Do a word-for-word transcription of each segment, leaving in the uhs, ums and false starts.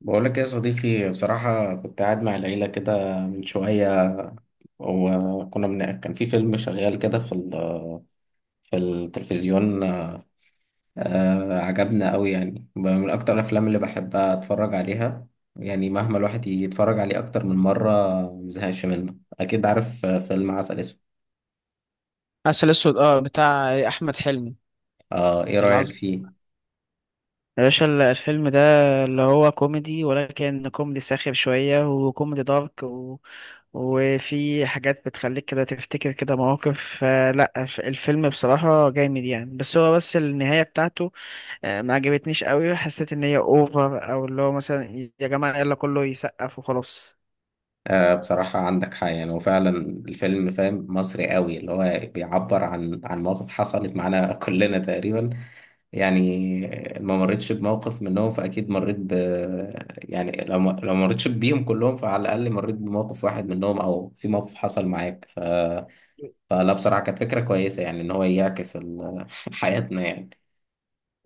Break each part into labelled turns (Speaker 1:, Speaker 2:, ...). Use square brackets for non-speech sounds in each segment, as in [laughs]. Speaker 1: بقولك يا صديقي، بصراحة كنت قاعد مع العيلة كده من شوية. وكنا من... كان في فيلم شغال كده في ال... في التلفزيون. آه... عجبنا أوي. يعني من أكتر الأفلام اللي بحبها أتفرج عليها، يعني مهما الواحد يتفرج عليه أكتر من مرة مزهقش منه. أكيد عارف، آه، فيلم عسل أسود.
Speaker 2: عسل اسود، اه، بتاع احمد حلمي
Speaker 1: آه... إيه رأيك
Speaker 2: العظيم.
Speaker 1: فيه؟
Speaker 2: يا باشا ال- الفيلم ده، اللي هو كوميدي، ولكن كوميدي ساخر شوية وكوميدي دارك، و... وفي حاجات بتخليك كده تفتكر كده مواقف، فلا ف- الفيلم بصراحة جامد يعني، بس هو بس النهاية بتاعته. آه، ما عجبتنيش قوي، حسيت ان هي اوفر، او اللي هو مثلا، يا جماعة يلا كله يسقف وخلاص.
Speaker 1: آه... بصراحة عندك حق يعني، وفعلا الفيلم فاهم مصري أوي، اللي هو بيعبر عن عن مواقف حصلت معانا [laughs] كلنا تقريبا. يعني ما مرتش بموقف منهم، فأكيد مريت ب يعني. لو ما... لو ما مريتش بيهم كلهم، فعلى الأقل مريت بموقف واحد منهم، أو في موقف حصل معاك ف... فلا بصراحة كانت فكرة كويسة، يعني إن هو يعكس ال... [laughs] حياتنا يعني.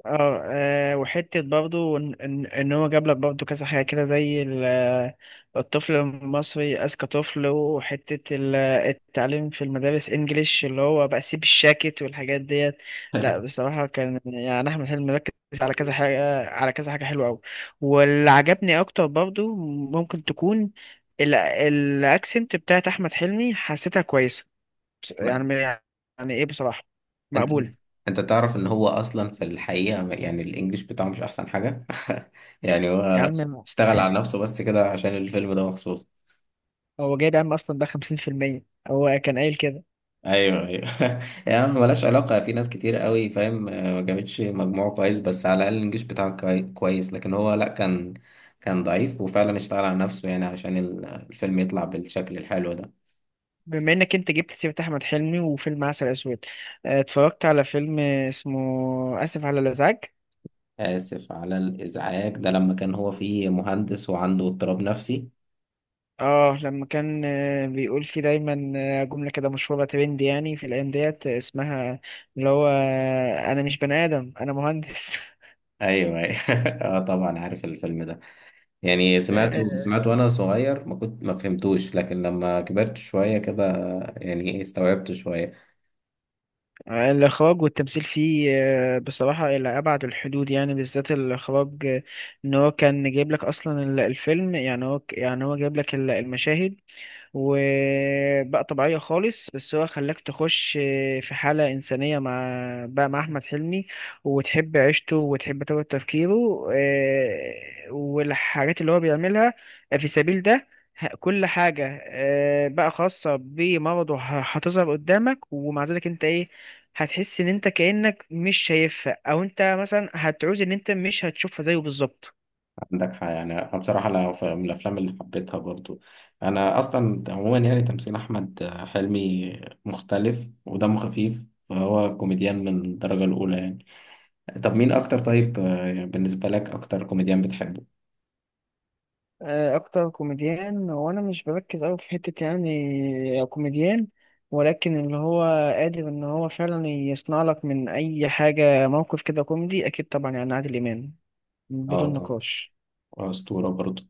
Speaker 2: اه، آه، وحتة برضو ان ان إن هو جاب لك برضو كذا حاجة كده، زي ال- آه، الطفل المصري أذكى طفل، وحتة ال- آه، التعليم في المدارس انجليش، اللي هو بقى سيب الشاكت والحاجات ديت. لا
Speaker 1: [laughs]
Speaker 2: بصراحة كان يعني أحمد حلمي مركز على كذا حاجة، على كذا حاجة حلوة أوي. واللي عجبني أكتر برضو ممكن تكون ال- الأكسنت بتاعت أحمد حلمي، حسيتها كويسة. بس-
Speaker 1: ما...
Speaker 2: يعني يعني إيه، بصراحة
Speaker 1: أنت
Speaker 2: مقبولة.
Speaker 1: أنت تعرف إن هو أصلا في الحقيقة ما- يعني الإنجليش بتاعه مش أحسن حاجة. [laughs] يعني
Speaker 2: يا
Speaker 1: هو
Speaker 2: عم،
Speaker 1: اشتغل على نفسه بس كده عشان الفيلم ده مخصوص.
Speaker 2: هو جايب عم اصلا بقى خمسين بالمية، هو كان قايل كده.
Speaker 1: ايوه ايوه. [laughs] يا عم ملهاش علاقه، في ناس كتير قوي فاهم، آه، ما جابتش مجموع كويس، بس على الاقل الانجليش بتاعه كوي- كويس. لكن هو لا، كان كان ضعيف وفعلا اشتغل على نفسه، يعني عشان ال- الفيلم يطلع بالشكل الحلو ده.
Speaker 2: بما انك انت جبت سيرة احمد حلمي وفيلم عسل اسود، آه، اتفرجت على فيلم اسمه اسف على الازعاج.
Speaker 1: اسف على الازعاج ده، لما كان هو فيه مهندس وعنده اضطراب نفسي.
Speaker 2: اه، لما كان آه، بيقول فيه دايما آه، جملة كده مشهورة، ترند يعني في الايام ديت، آه، اسمها اللي هو آه، انا مش بني ادم، انا مهندس.
Speaker 1: ايوه ايوه. [laughs] اه طبعا عارف الفيلم ده. يعني سمعته
Speaker 2: [laughs]
Speaker 1: سمعته وانا صغير، ما كنت ما فهمتوش، لكن لما كبرت شويه كده يعني إيه، استوعبته شويه.
Speaker 2: آه، الإخراج والتمثيل فيه آه، بصراحة إلى أبعد الحدود، يعني بالذات الإخراج. آه، إن هو كان جايب لك أصلا ال- الفيلم، يعني هو ك- يعني هو جايب لك ال- المشاهد، وبقى طبيعية خالص، بس هو خلاك تخش في حالة إنسانية مع، بقى مع أحمد حلمي، وتحب عيشته وتحب طريقة تفكيره، آه، والحاجات اللي هو بيعملها في سبيل ده. ه- كل حاجة آه، بقى خاصة بمرضه ه- هتظهر قدامك، ومع ذلك انت ايه، هتحس ان انت كأنك مش شايفها، او انت مثلا هتعوز ان انت مش هتشوفها زيه بالظبط.
Speaker 1: عندك حق يعني. انا بصراحه لا، ف- من الافلام اللي حبيتها برضو. انا اصلا عموما يعني تمثيل احمد حلمي مختلف ودمه خفيف، فهو كوميديان من الدرجه الاولى يعني. طب مين اكتر؟ طيب، آه، بالنسبه لك اكتر كوميديان بتحبه؟
Speaker 2: آه، اكتر كوميديان، وانا مش بركز قوي في حتة يعني كوميديان، ولكن اللي هو قادر ان هو فعلا يصنع لك من اي حاجة موقف كده كوميدي، اكيد طبعا يعني عادل امام
Speaker 1: اه
Speaker 2: بدون
Speaker 1: طبعا،
Speaker 2: نقاش.
Speaker 1: اسطوره برضو.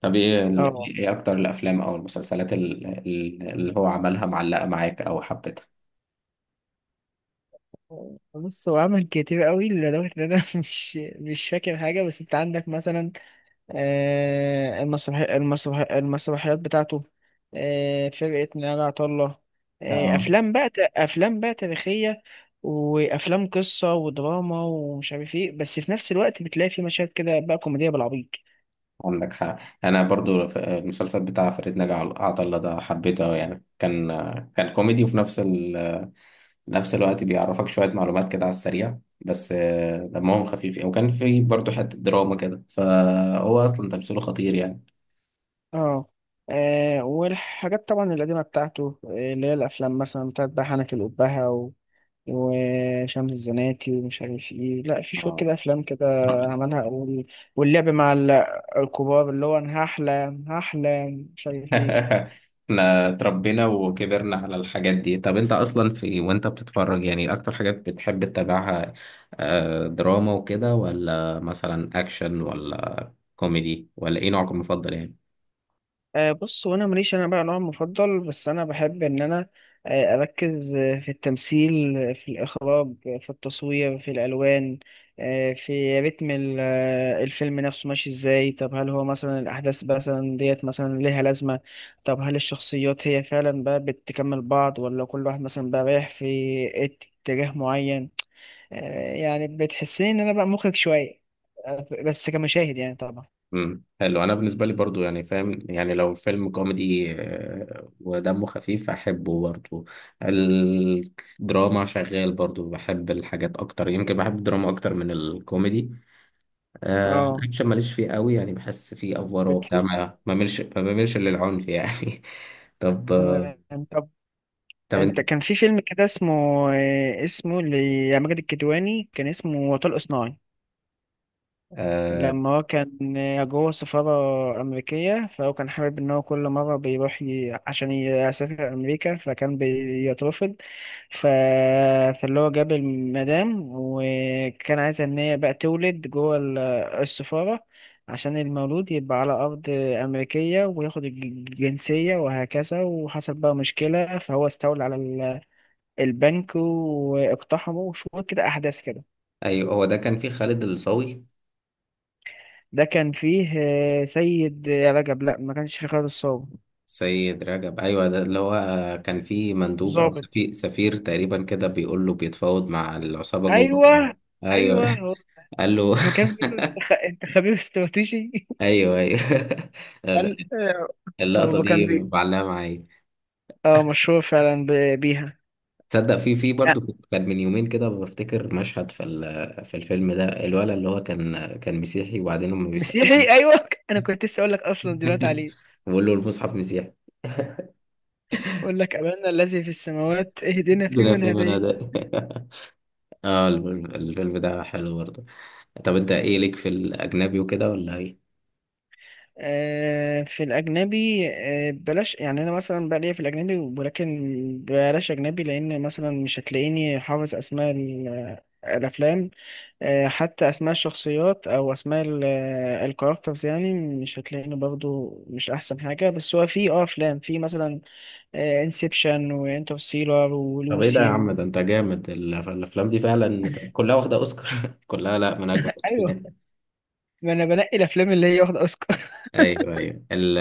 Speaker 1: طب ايه ال-
Speaker 2: اه،
Speaker 1: ايه اكتر الافلام او المسلسلات ال- ال- اللي هو عملها معلقه معاك او حبيتها؟
Speaker 2: بص هو عمل كتير قوي، لدرجة ان انا [laughs] مش مش فاكر حاجة، بس انت عندك مثلا آه، المسرحي المسرحي المسرحيات بتاعته، آه، فرقة نيال عطلة، آه،
Speaker 1: اه
Speaker 2: أفلام بقى ت- أفلام بقى تاريخية، وأفلام قصة ودراما، ومش عارف إيه، بس في نفس الوقت بتلاقي في مشاهد كده بقى كوميدية بالعبيط.
Speaker 1: عندك حق. انا برضو ف- المسلسل بتاع فريد نجا عل- عطله ده حبيته أوي يعني. كان كان كوميدي، وفي نفس ال... نفس الوقت بيعرفك شويه معلومات كده على السريع. بس آه، دمهم خفيف يعني. وكان في برضو حته دراما كده، فهو اصلا تمثيله خطير يعني.
Speaker 2: اه، آه، والحاجات طبعا القديمة بتاعته آه، اللي هي الأفلام مثلا بتاعت بقى حنك الأبهة وشمس الزناتي، ومش عارف ايه، لا في شوية
Speaker 1: اه.
Speaker 2: كده افلام كده عملها، وال- واللعب مع ال- الكبار، اللي هو انا هحلم هحلم، مش عارف ايه.
Speaker 1: [laughs] احنا اتربينا وكبرنا على الحاجات دي. طب انت اصلا في وانت بتتفرج يعني اكتر حاجات بتحب تتابعها، آه، دراما وكده، ولا مثلا اكشن، ولا كوميدي، ولا ايه نوعك المفضل يعني؟
Speaker 2: آه، بص، وانا ماليش انا بقى نوع مفضل، بس انا بحب ان انا آه، اركز آه، في التمثيل، آه، في الاخراج، آه، في التصوير، في الالوان، آه، في رتم ال- آه، الفيلم نفسه ماشي ازاي. طب هل هو مثلا الاحداث مثلا ديت مثلا ليها لازمه؟ طب هل الشخصيات هي فعلا بقى بتكمل بعض، ولا كل واحد مثلا بقى رايح في اتجاه معين؟ آه، يعني بتحسني ان انا بقى مخرج شويه، آه، بس كمشاهد يعني طبعا.
Speaker 1: امم حلو. انا بالنسبه لي برضو يعني فاهم، يعني لو فيلم كوميدي آه، ودمه خفيف احبه برضو. الدراما شغال برضو، بحب الحاجات اكتر، يمكن بحب الدراما اكتر من الكوميدي. آه،
Speaker 2: اه،
Speaker 1: الاكشن ماليش فيه قوي يعني، بحس فيه افوار وبتاع، ما
Speaker 2: بتحس،
Speaker 1: ما بعملش ما بعملش للعنف يعني. [laughs] طب آه،
Speaker 2: تمام.
Speaker 1: طب
Speaker 2: انت
Speaker 1: انت
Speaker 2: كان في فيلم كده اسمه آه، اسمه لماجد الكدواني، كان اسمه وطلق صناعي.
Speaker 1: آه،
Speaker 2: لما هو كان آه، جوه سفارة أمريكية، فهو كان حابب إن هو كل مرة بيروح ي... عشان يسافر أمريكا، فكان بيترفض. ف... فاللي هو جاب المدام، وكان عايز إن هي بقى تولد جوه ال- السفارة، عشان المولود يبقى على أرض أمريكية وياخد الج- الجنسية وهكذا. وحصل بقى مشكلة، فهو استولى على البنك واقتحموا شوية كده أحداث كده.
Speaker 1: ايوه، هو ده كان فيه خالد الصاوي.
Speaker 2: ده كان فيه آه، سيد رجب، لا ما كانش فيه خالد الصاوي.
Speaker 1: سيد رجب ايوه، ده اللي هو، آه، كان فيه مندوب او
Speaker 2: الظابط،
Speaker 1: سفير, سفير تقريبا كده، بيقول له بيتفاوض مع العصابه جوه
Speaker 2: أيوه،
Speaker 1: ف-
Speaker 2: أيوه،
Speaker 1: ايوه.
Speaker 2: هو
Speaker 1: [laughs] قال له. [laughs]
Speaker 2: لما كان بيقول له: أنت خ- أنت خبير استراتيجي.
Speaker 1: ايوه ايوه.
Speaker 2: [laughs] قال آه،
Speaker 1: [laughs]
Speaker 2: ما
Speaker 1: اللقطه
Speaker 2: هو كان
Speaker 1: دي
Speaker 2: بي،
Speaker 1: معلقه معايا.
Speaker 2: اه مشهور فعلا ب- بيها.
Speaker 1: تصدق في في
Speaker 2: آه،
Speaker 1: برضه، كنت- كان من يومين كده بفتكر مشهد في ال- في الفيلم ده. الولد اللي هو كان كان مسيحي، وبعدين هم بيسألوه.
Speaker 2: مسيحي، أيوه. أنا كنت لسه أقول لك أصلا دلوقتي
Speaker 1: [laughs]
Speaker 2: عليه.
Speaker 1: بيقول له المصحف مسيحي،
Speaker 2: أقول لك: أبانا الذي في السماوات اهدنا
Speaker 1: الدنيا في
Speaker 2: فيمن هديت.
Speaker 1: المنادق. [laughs] اه الفيلم الفيلم ده حلو برضه. طب انت ايه ليك في الاجنبي وكده ولا ايه؟
Speaker 2: آه، في الأجنبي آه، بلاش، يعني أنا مثلا بقى ليا في الأجنبي، ولكن بلاش أجنبي، لأن مثلا مش هتلاقيني حافظ أسماء ال- آه، الأفلام، آه، حتى أسماء الشخصيات أو أسماء ال- الكاركترز، يعني مش هتلاقيني برضو مش أحسن حاجة. بس هو في أه أفلام، في مثلا انسبشن وانترستيلر
Speaker 1: طب ايه ده يا
Speaker 2: ولوسي
Speaker 1: عم؟
Speaker 2: و...
Speaker 1: ده انت جامد، ال- الافلام دي فعلا كلها واخده اوسكار. [laughs] كلها، لا، من اجمل
Speaker 2: [laughs] أيوه،
Speaker 1: الافلام.
Speaker 2: ما أنا بنقي الأفلام اللي هي واخدة أوسكار.
Speaker 1: ايوه ايوه ال-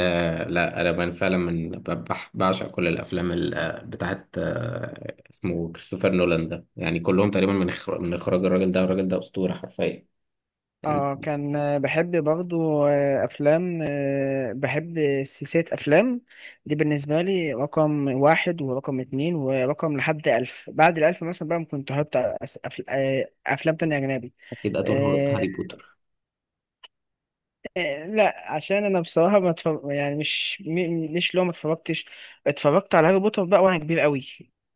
Speaker 1: لا، انا من فعلا من ب- بح- بعشق كل الافلام ال- بتاعت، آه، اسمه كريستوفر نولان ده، يعني كلهم تقريبا من إخر- من اخراج الراجل ده. الراجل ده اسطوره حرفيا يعني.
Speaker 2: اه، كان آه، بحب برضو آه، افلام، آه، بحب سلسلة افلام، دي بالنسبة لي رقم واحد ورقم اتنين ورقم لحد الف بعد الالف. مثلا بقى ممكن تحط أس- أف- آه، افلام تانية اجنبي.
Speaker 1: اكيد، قتل هار-
Speaker 2: آه،
Speaker 1: هاري بوتر.
Speaker 2: آه، لا، عشان انا بصراحة ما اتفرج يعني، مش م- مش لو ما اتفرجتش. اتفرجت على هاري بوتر بقى وانا كبير قوي،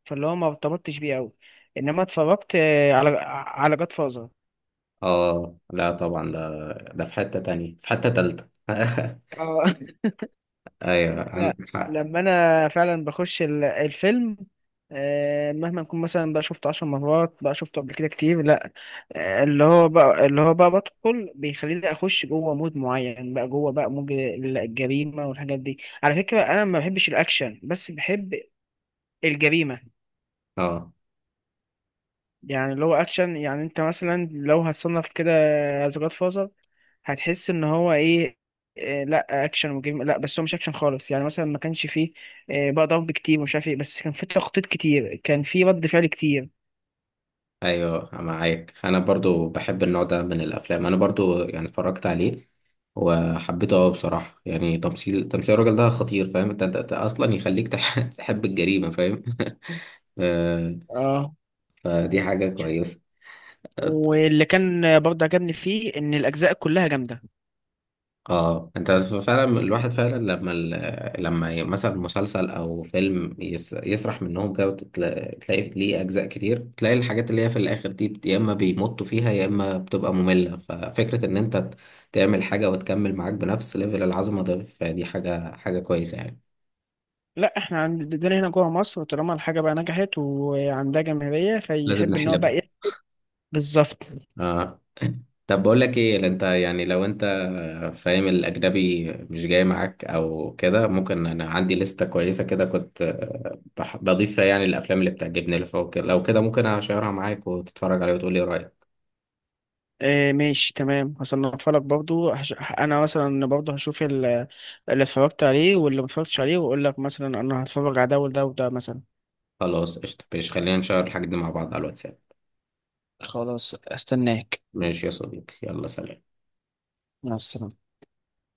Speaker 2: فاللي هو ما ارتبطتش بيه قوي، انما اتفرجت آه، على على جاد فازر.
Speaker 1: اه لا طبعا، ده ده في حته تانية، في حته تالتة. [laughs]
Speaker 2: [laughs]
Speaker 1: ايوه
Speaker 2: لا،
Speaker 1: عندك حق.
Speaker 2: لما انا فعلا بخش ال- الفيلم، آه، مهما نكون مثلا بقى شفته عشر مرات، بقى شفته قبل كده كتير. لا آه، اللي هو بقى اللي هو بقى بدخل بيخليني اخش جوه مود معين، بقى جوه بقى مود ال- الجريمه والحاجات دي. على فكره انا ما بحبش الاكشن، بس بحب الجريمه.
Speaker 1: اه
Speaker 2: يعني اللي هو اكشن، يعني انت مثلا لو هتصنف كده از جاد فازر، هتحس ان هو ايه؟ إيه، لا اكشن وجيم، لا بس هو مش اكشن خالص، يعني مثلا ما كانش فيه إيه، بقى ضرب كتير ومش عارف ايه، بس كان فيه تخطيط كتير، كان فيه رد فعل كتير.
Speaker 1: ايوه معاك. انا برضو بحب النوع ده من الافلام، انا برضو يعني اتفرجت عليه وحبيته قوي بصراحه. يعني تمثيل تمثيل الراجل ده خطير. فاهم انت، أنت- أنت اصلا يخليك تح- [laughs] تحب الجريمه فاهم. [laughs] آه،
Speaker 2: اه،
Speaker 1: فدي حاجه كويسه.
Speaker 2: واللي كان برضه عجبني فيه ان الاجزاء كلها جامده.
Speaker 1: اه انت فعلا، الواحد فعلا لما ال... لما ي- مثلا مسلسل او فيلم يس... يسرح منهم كده، وتلاقي تلاقي ليه اجزاء كتير، تلاقي الحاجات اللي هي في الاخر دي بت... يا اما بيمطوا فيها، يا اما بتبقى مملة. ففكرة ان انت ت- تعمل حاجة وتكمل معاك بنفس ليفل العظمة ده، فدي حاجة حاجة كويسة يعني.
Speaker 2: لا، احنا عندنا هنا جوه مصر طالما الحاجه بقى نجحت وعندها جماهيريه،
Speaker 1: لازم
Speaker 2: فيحب ان هو بقى
Speaker 1: نحلبها.
Speaker 2: ايه. بالظبط.
Speaker 1: آه. طب بقول لك ايه، لا انت يعني لو انت فاهم الاجنبي مش جاي معاك او كده، ممكن انا عندي لستة كويسة كده، كنت بح- بضيف فيها يعني الافلام اللي بتعجبني اللي فوق كده. لو كده ممكن اشيرها معاك وتتفرج عليها وتقول لي رايك.
Speaker 2: إيه، ماشي تمام، هصنفها لك برضو. هش... انا مثلا برضو هشوف ال- اللي اتفرجت عليه واللي ما اتفرجتش عليه، واقول لك مثلا انا هتفرج على ده وده وده مثلا.
Speaker 1: خلاص قشطة، ماشي، خلينا نشير الحاجات دي مع بعض على الواتساب.
Speaker 2: خلاص، استناك.
Speaker 1: ماشي يا صديقي، يلا سلام.
Speaker 2: مع السلامة.